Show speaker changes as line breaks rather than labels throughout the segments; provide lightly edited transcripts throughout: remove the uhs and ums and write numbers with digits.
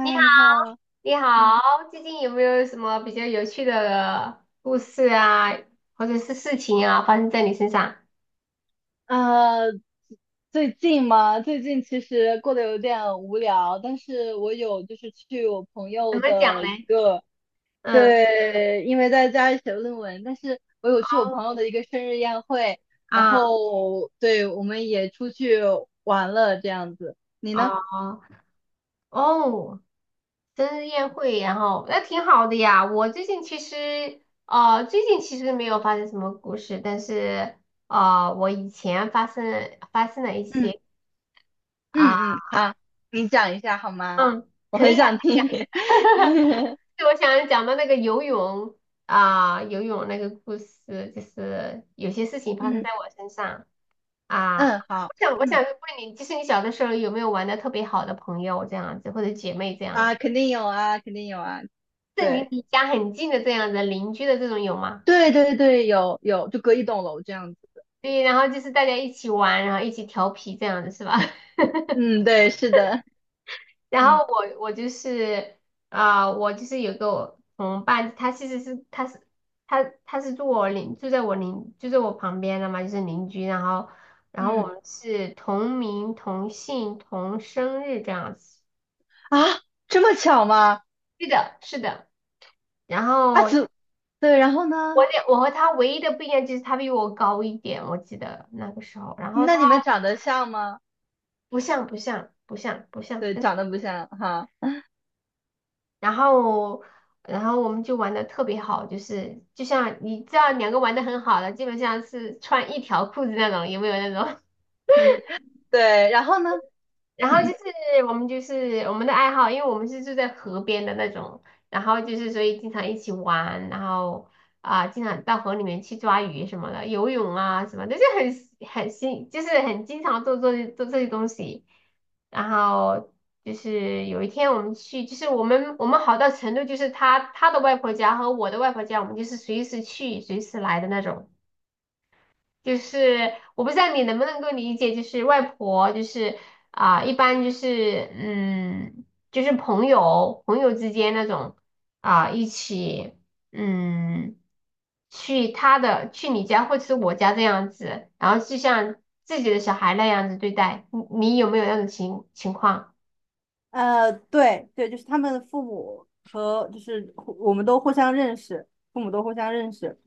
你好，
你好，
你
嗯，
好，最近有没有什么比较有趣的故事啊，或者是事情啊，发生在你身上？
呃，最近嘛，最近其实过得有点无聊，但是我有就是去我朋
怎
友
么讲
的一
嘞？
个，
嗯。
对，因为在家里写论文，但是我有去我朋友的一个生日宴会，然
啊。
后对，我们也出去玩了这样子。你呢？
哦。哦。生日宴会，然后那挺好的呀。我最近其实，哦，最近其实没有发生什么故事，但是，我以前发生了一
嗯
些啊。
嗯嗯，好，你讲一下好吗？
嗯，
我
可以
很
啊，
想
可以啊。
听。
对，我想讲的那个游泳那个故事，就是有些事情发生
嗯
在我身上啊。
嗯，好，
我想，我
嗯。
想问你，就是你小的时候有没有玩的特别好的朋友这样子，或者姐妹这
啊，
样，
肯定有啊，肯定有啊，
是你
对，
离家很近的这样子，邻居的这种有吗？
对对对，有，就隔一栋楼这样子。
对，然后就是大家一起玩，然后一起调皮这样子是吧？
嗯，对，是的，
然
嗯
后我我就是有个我同伴，他其实是他是他他是住我邻住在我邻就在我旁边的嘛，就是邻居。然后然后我
嗯，
们是同名同姓同生日这样子。
啊，这么巧吗？
是的，是的。然
啊，
后
对，然后呢？
我和他唯一的不一样就是他比我高一点，我记得那个时候。然后
那
他
你们长得像吗？
不像不像不像不像。
对，长得不像哈，
然后然后我们就玩的特别好，就像你知道两个玩的很好的，基本上是穿一条裤子那种，有没有那种？
嗯，对，然后呢？
然后就是我们的爱好，因为我们是住在河边的那种，然后就是所以经常一起玩，然后经常到河里面去抓鱼什么的，游泳啊什么的，就很新，就是很经常做这些东西。然后就是有一天我们去，就是我们好到程度，就是他的外婆家和我的外婆家，我们就是随时去随时来的那种。就是我不知道你能不能够理解，就是外婆，就是一般就是，就是朋友之间那种一起嗯，去他的去你家或者是我家这样子，然后就像自己的小孩那样子对待，你有没有那种情况？
对对，就是他们的父母和就是我们都互相认识，父母都互相认识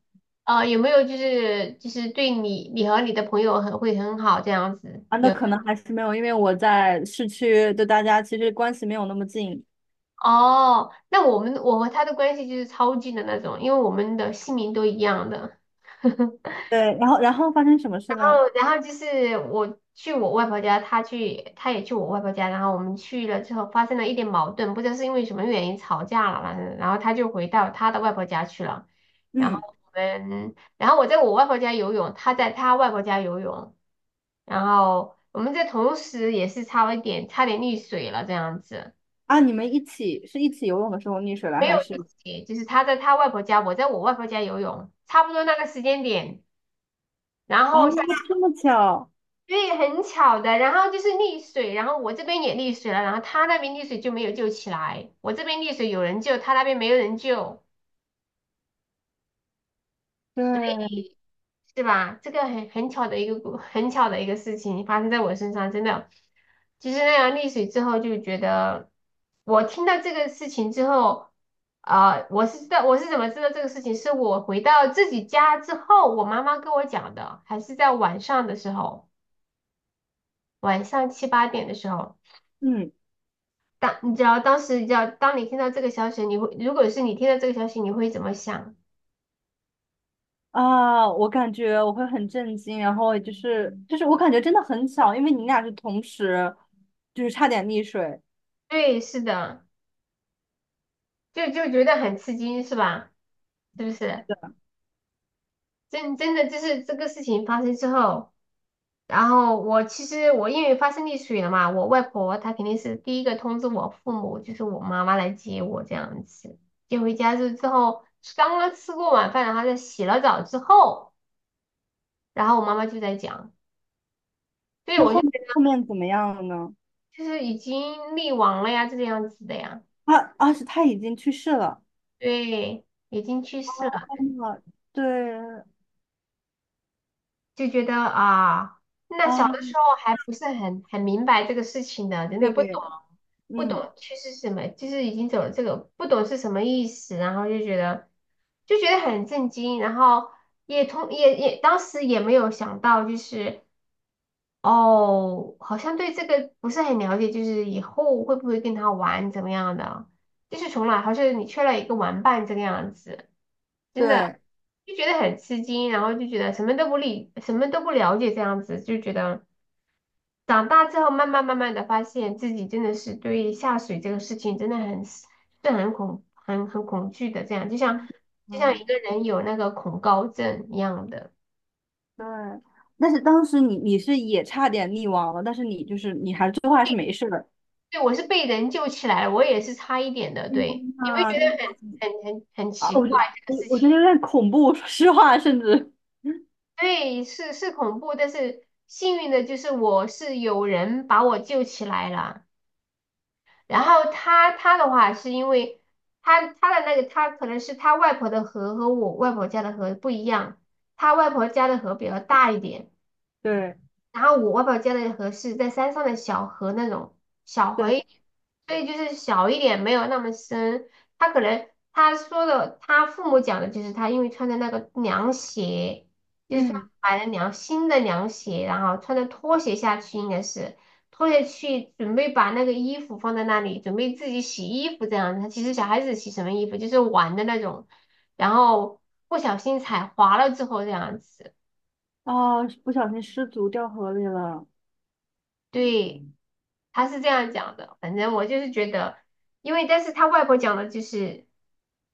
有没有就是对你和你的朋友很好这样子？
啊。那
有？
可能还是没有，因为我在市区，对大家其实关系没有那么近。
哦，那我和他的关系就是超近的那种，因为我们的姓名都一样的。
对，然后发生什么事了？
然后就是我去我外婆家，他也去我外婆家，然后我们去了之后发生了一点矛盾，不知道是因为什么原因吵架了，反正然后他就回到他的外婆家去了，然后
嗯，
然后我在我外婆家游泳，他在他外婆家游泳，然后我们在同时也是差点溺水了这样子。
啊，你们一起游泳的时候溺水了，还是？
就是他在他外婆家，我在我外婆家游泳，差不多那个时间点，然
啊
后下，
这么巧，
对，很巧的，然后就是溺水，然后我这边也溺水了，然后他那边溺水就没有救起来，我这边溺水有人救，他那边没有人救，
对，
是吧？这个很巧的一个故，很巧的一个事情发生在我身上，真的。其实那样溺水之后，就觉得我听到这个事情之后，啊，我是怎么知道这个事情，是我回到自己家之后，我妈妈跟我讲的，还是在晚上的时候，晚上七八点的时候。
嗯
当你知道当时，你知道当你听到这个消息，你会如果是你听到这个消息，你会怎么想？
啊，我感觉我会很震惊，然后就是我感觉真的很巧，因为你俩是同时，就是差点溺水。
对，是的，就觉得很吃惊，是吧？是不是？真的就是这个事情发生之后，然后我其实我因为发生溺水了嘛，我外婆她肯定是第一个通知我父母，就是我妈妈来接我这样子。接回家之后，刚刚吃过晚饭，然后在洗了澡之后，然后我妈妈就在讲，对，
那
我就
后面怎么样了呢？
就是已经溺亡了呀，这个样子的呀。
他啊，是他已经去世了。
对，已经去世了。
啊，对
就觉得啊，那小
啊，
的时候还不是很明白这个事情的，真的不懂，
对，
不懂
嗯，
趋势是什么，就是已经走了这个，不懂是什么意思，然后就觉得很震惊，然后也同也也当时也没有想到，就是哦，好像对这个不是很了解，就是以后会不会跟他玩怎么样的，就是从来好像你缺了一个玩伴这个样子。真的
对，
就觉得很吃惊，然后就觉得什么都不理，什么都不了解，这样子就觉得长大之后慢慢慢慢的发现自己真的是对下水这个事情真的很是很恐很很恐惧的，这样
嗯
就像一
啊。
个人有那个恐高症一样的。
对，但是当时你是也差点溺亡了，但是你就是你还最后还是没事的。
对，我是被人救起来了，我也是差一点的。
天
对，你会觉
呐，对
得很
啊，
奇
我就
怪这个
我
事
我觉得
情。
有点恐怖，说实话，甚至
对，是是恐怖，但是幸运的就是我是有人把我救起来了。然后他的话是因为他他的那个他可能是他外婆的河和我外婆家的河不一样，他外婆家的河比较大一点。
对
然后我外婆家的河是在山上的小河那种小河
对，
一点，所以就是小一点，没有那么深。他可能他说的，他父母讲的就是他因为穿的那个凉鞋，就是穿
嗯，
买了凉新的凉鞋，然后穿着拖鞋下去，应该是拖鞋去准备把那个衣服放在那里，准备自己洗衣服这样子。他其实小孩子洗什么衣服就是玩的那种，然后不小心踩滑了之后这样子。
哦，不小心失足掉河里了。
对，他是这样讲的。反正我就是觉得，但是他外婆讲的就是，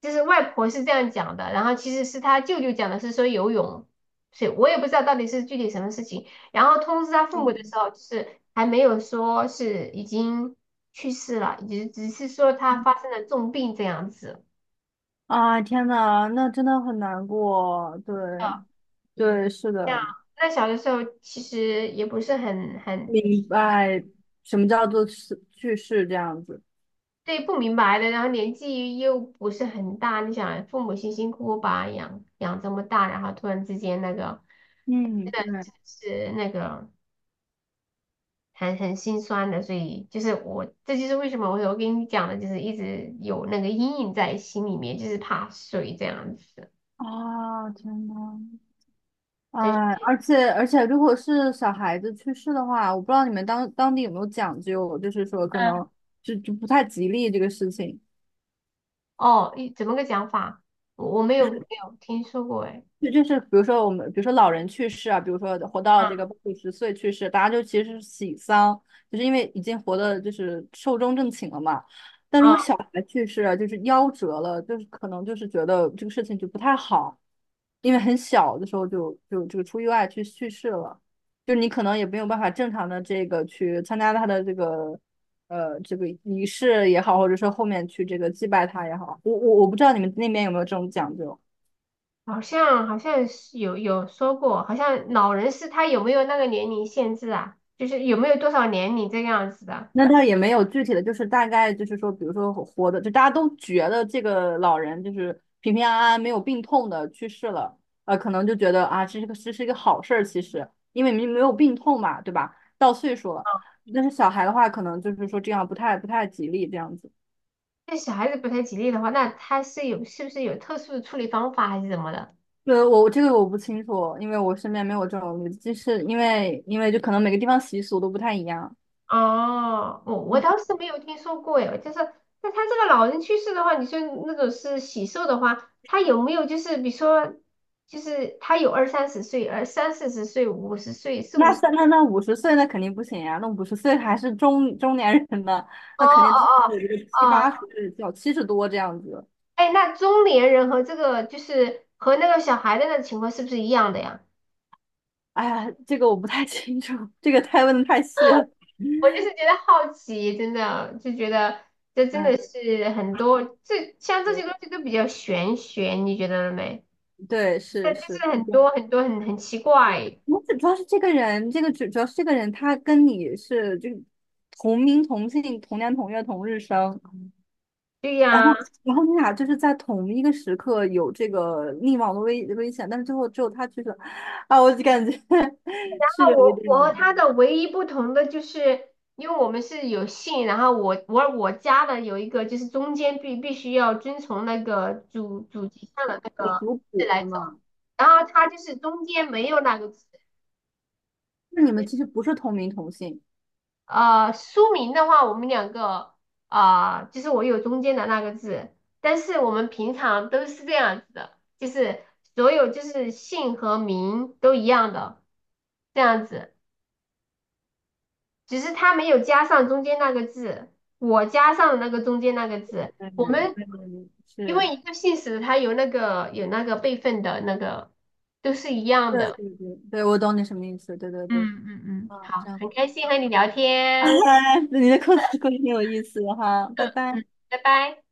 就是外婆是这样讲的，然后其实是他舅舅讲的是说游泳，所以我也不知道到底是具体什么事情。然后通知他父母的
嗯
时候，就是还没有说是已经去世了，只是说他发生了重病这样子。
啊，天呐，那真的很难过。对
啊，
对，是的，
那小的时候其实也不是
明白什么叫做是去世这样子。
对，不明白的，然后年纪又不是很大，你想父母辛辛苦苦把他养这么大，然后突然之间那个，
嗯，
真
对。
的是那个很心酸的，所以就是我，这就是为什么我跟你讲的，就是一直有那个阴影在心里面，就是怕水这样子。
啊，天呐。哎，
就是
而且，如果是小孩子去世的话，我不知道你们当地有没有讲究，就是说可
嗯，
能就不太吉利这个事情。
哦，怎么个讲法？我没有听说过哎。
对，就是比如说我们，比如说老人去世啊，比如说活到这个八九十岁去世，大家就其实是喜丧，就是因为已经活的就是寿终正寝了嘛。但如果
嗯，
小孩去世啊，就是夭折了，就是可能就是觉得这个事情就不太好，因为很小的时候就出意外去世了，就是你可能也没有办法正常的这个去参加他的这个仪式也好，或者说后面去这个祭拜他也好，我不知道你们那边有没有这种讲究。
好像是有说过，好像老人是他有没有那个年龄限制啊？就是有没有多少年龄这个样子的？
那倒也没有具体的，就是大概就是说，比如说活的，就大家都觉得这个老人就是平平安安、没有病痛的去世了，可能就觉得啊，这是一个好事儿，其实因为没有病痛嘛，对吧？到岁数了，但是小孩的话，可能就是说这样不太吉利这样子。
那小孩子不太吉利的话，那他是不是有特殊的处理方法还是怎么的？
我这个我不清楚，因为我身边没有这种例子就是因为就可能每个地方习俗都不太一样。
哦，我倒是没有听说过耶，就是那他这个老人去世的话，你说那种是喜寿的话，他有没有就是比如说，就是他有二三十岁，而三四十岁、五十岁、四五
那
十，
三那那五十岁那肯定不行呀、那五十岁还是中年人呢，
哦
那肯定是
哦
个
哦
七八
哦。
十叫七十多这样子。
哎，那中年人和和那个小孩的那个情况是不是一样的呀？
哎呀，这个我不太清楚，这个太问的太细了。
我就是觉得好奇，真的就觉得这真
嗯，
的是很多，像这些东西都比较玄学，你觉得了没？
对，
对，
是
就
是
是
是
很
这样。
多很多很奇怪。
我主要是这个人，这个主要是这个人，他跟你是就同名同姓、同年同月同日生，
对
然后，
呀、
然后你俩就是在同一个时刻有这个溺亡的危险，但是最后只有他去了，啊，我就感觉 是有一
我
点
我和他的唯一不同的就是，因为我们是有姓，然后我家的有一个就是中间必须要遵从那个祖籍上的那
有
个
族
字
谱
来
的
走，
嘛。
然后他就是中间没有那个字。
那你们其实不是同名同姓，
书名的话，我们两个啊就是我有中间的那个字，但是我们平常都是这样子的，就是所有就是姓和名都一样的这样子。只是他没有加上中间那个字，我加上了那个中间那个字。
对
我
对，
们
对
因为
是，
一个姓氏，它有那个辈分的那个，都是一样
对
的。
对对，对我懂你什么意思，对对对，
嗯嗯嗯，
啊，
好，
这样，
很开心和你聊天。
那你的故事挺有意思的哈，拜
嗯
拜。
嗯，拜拜。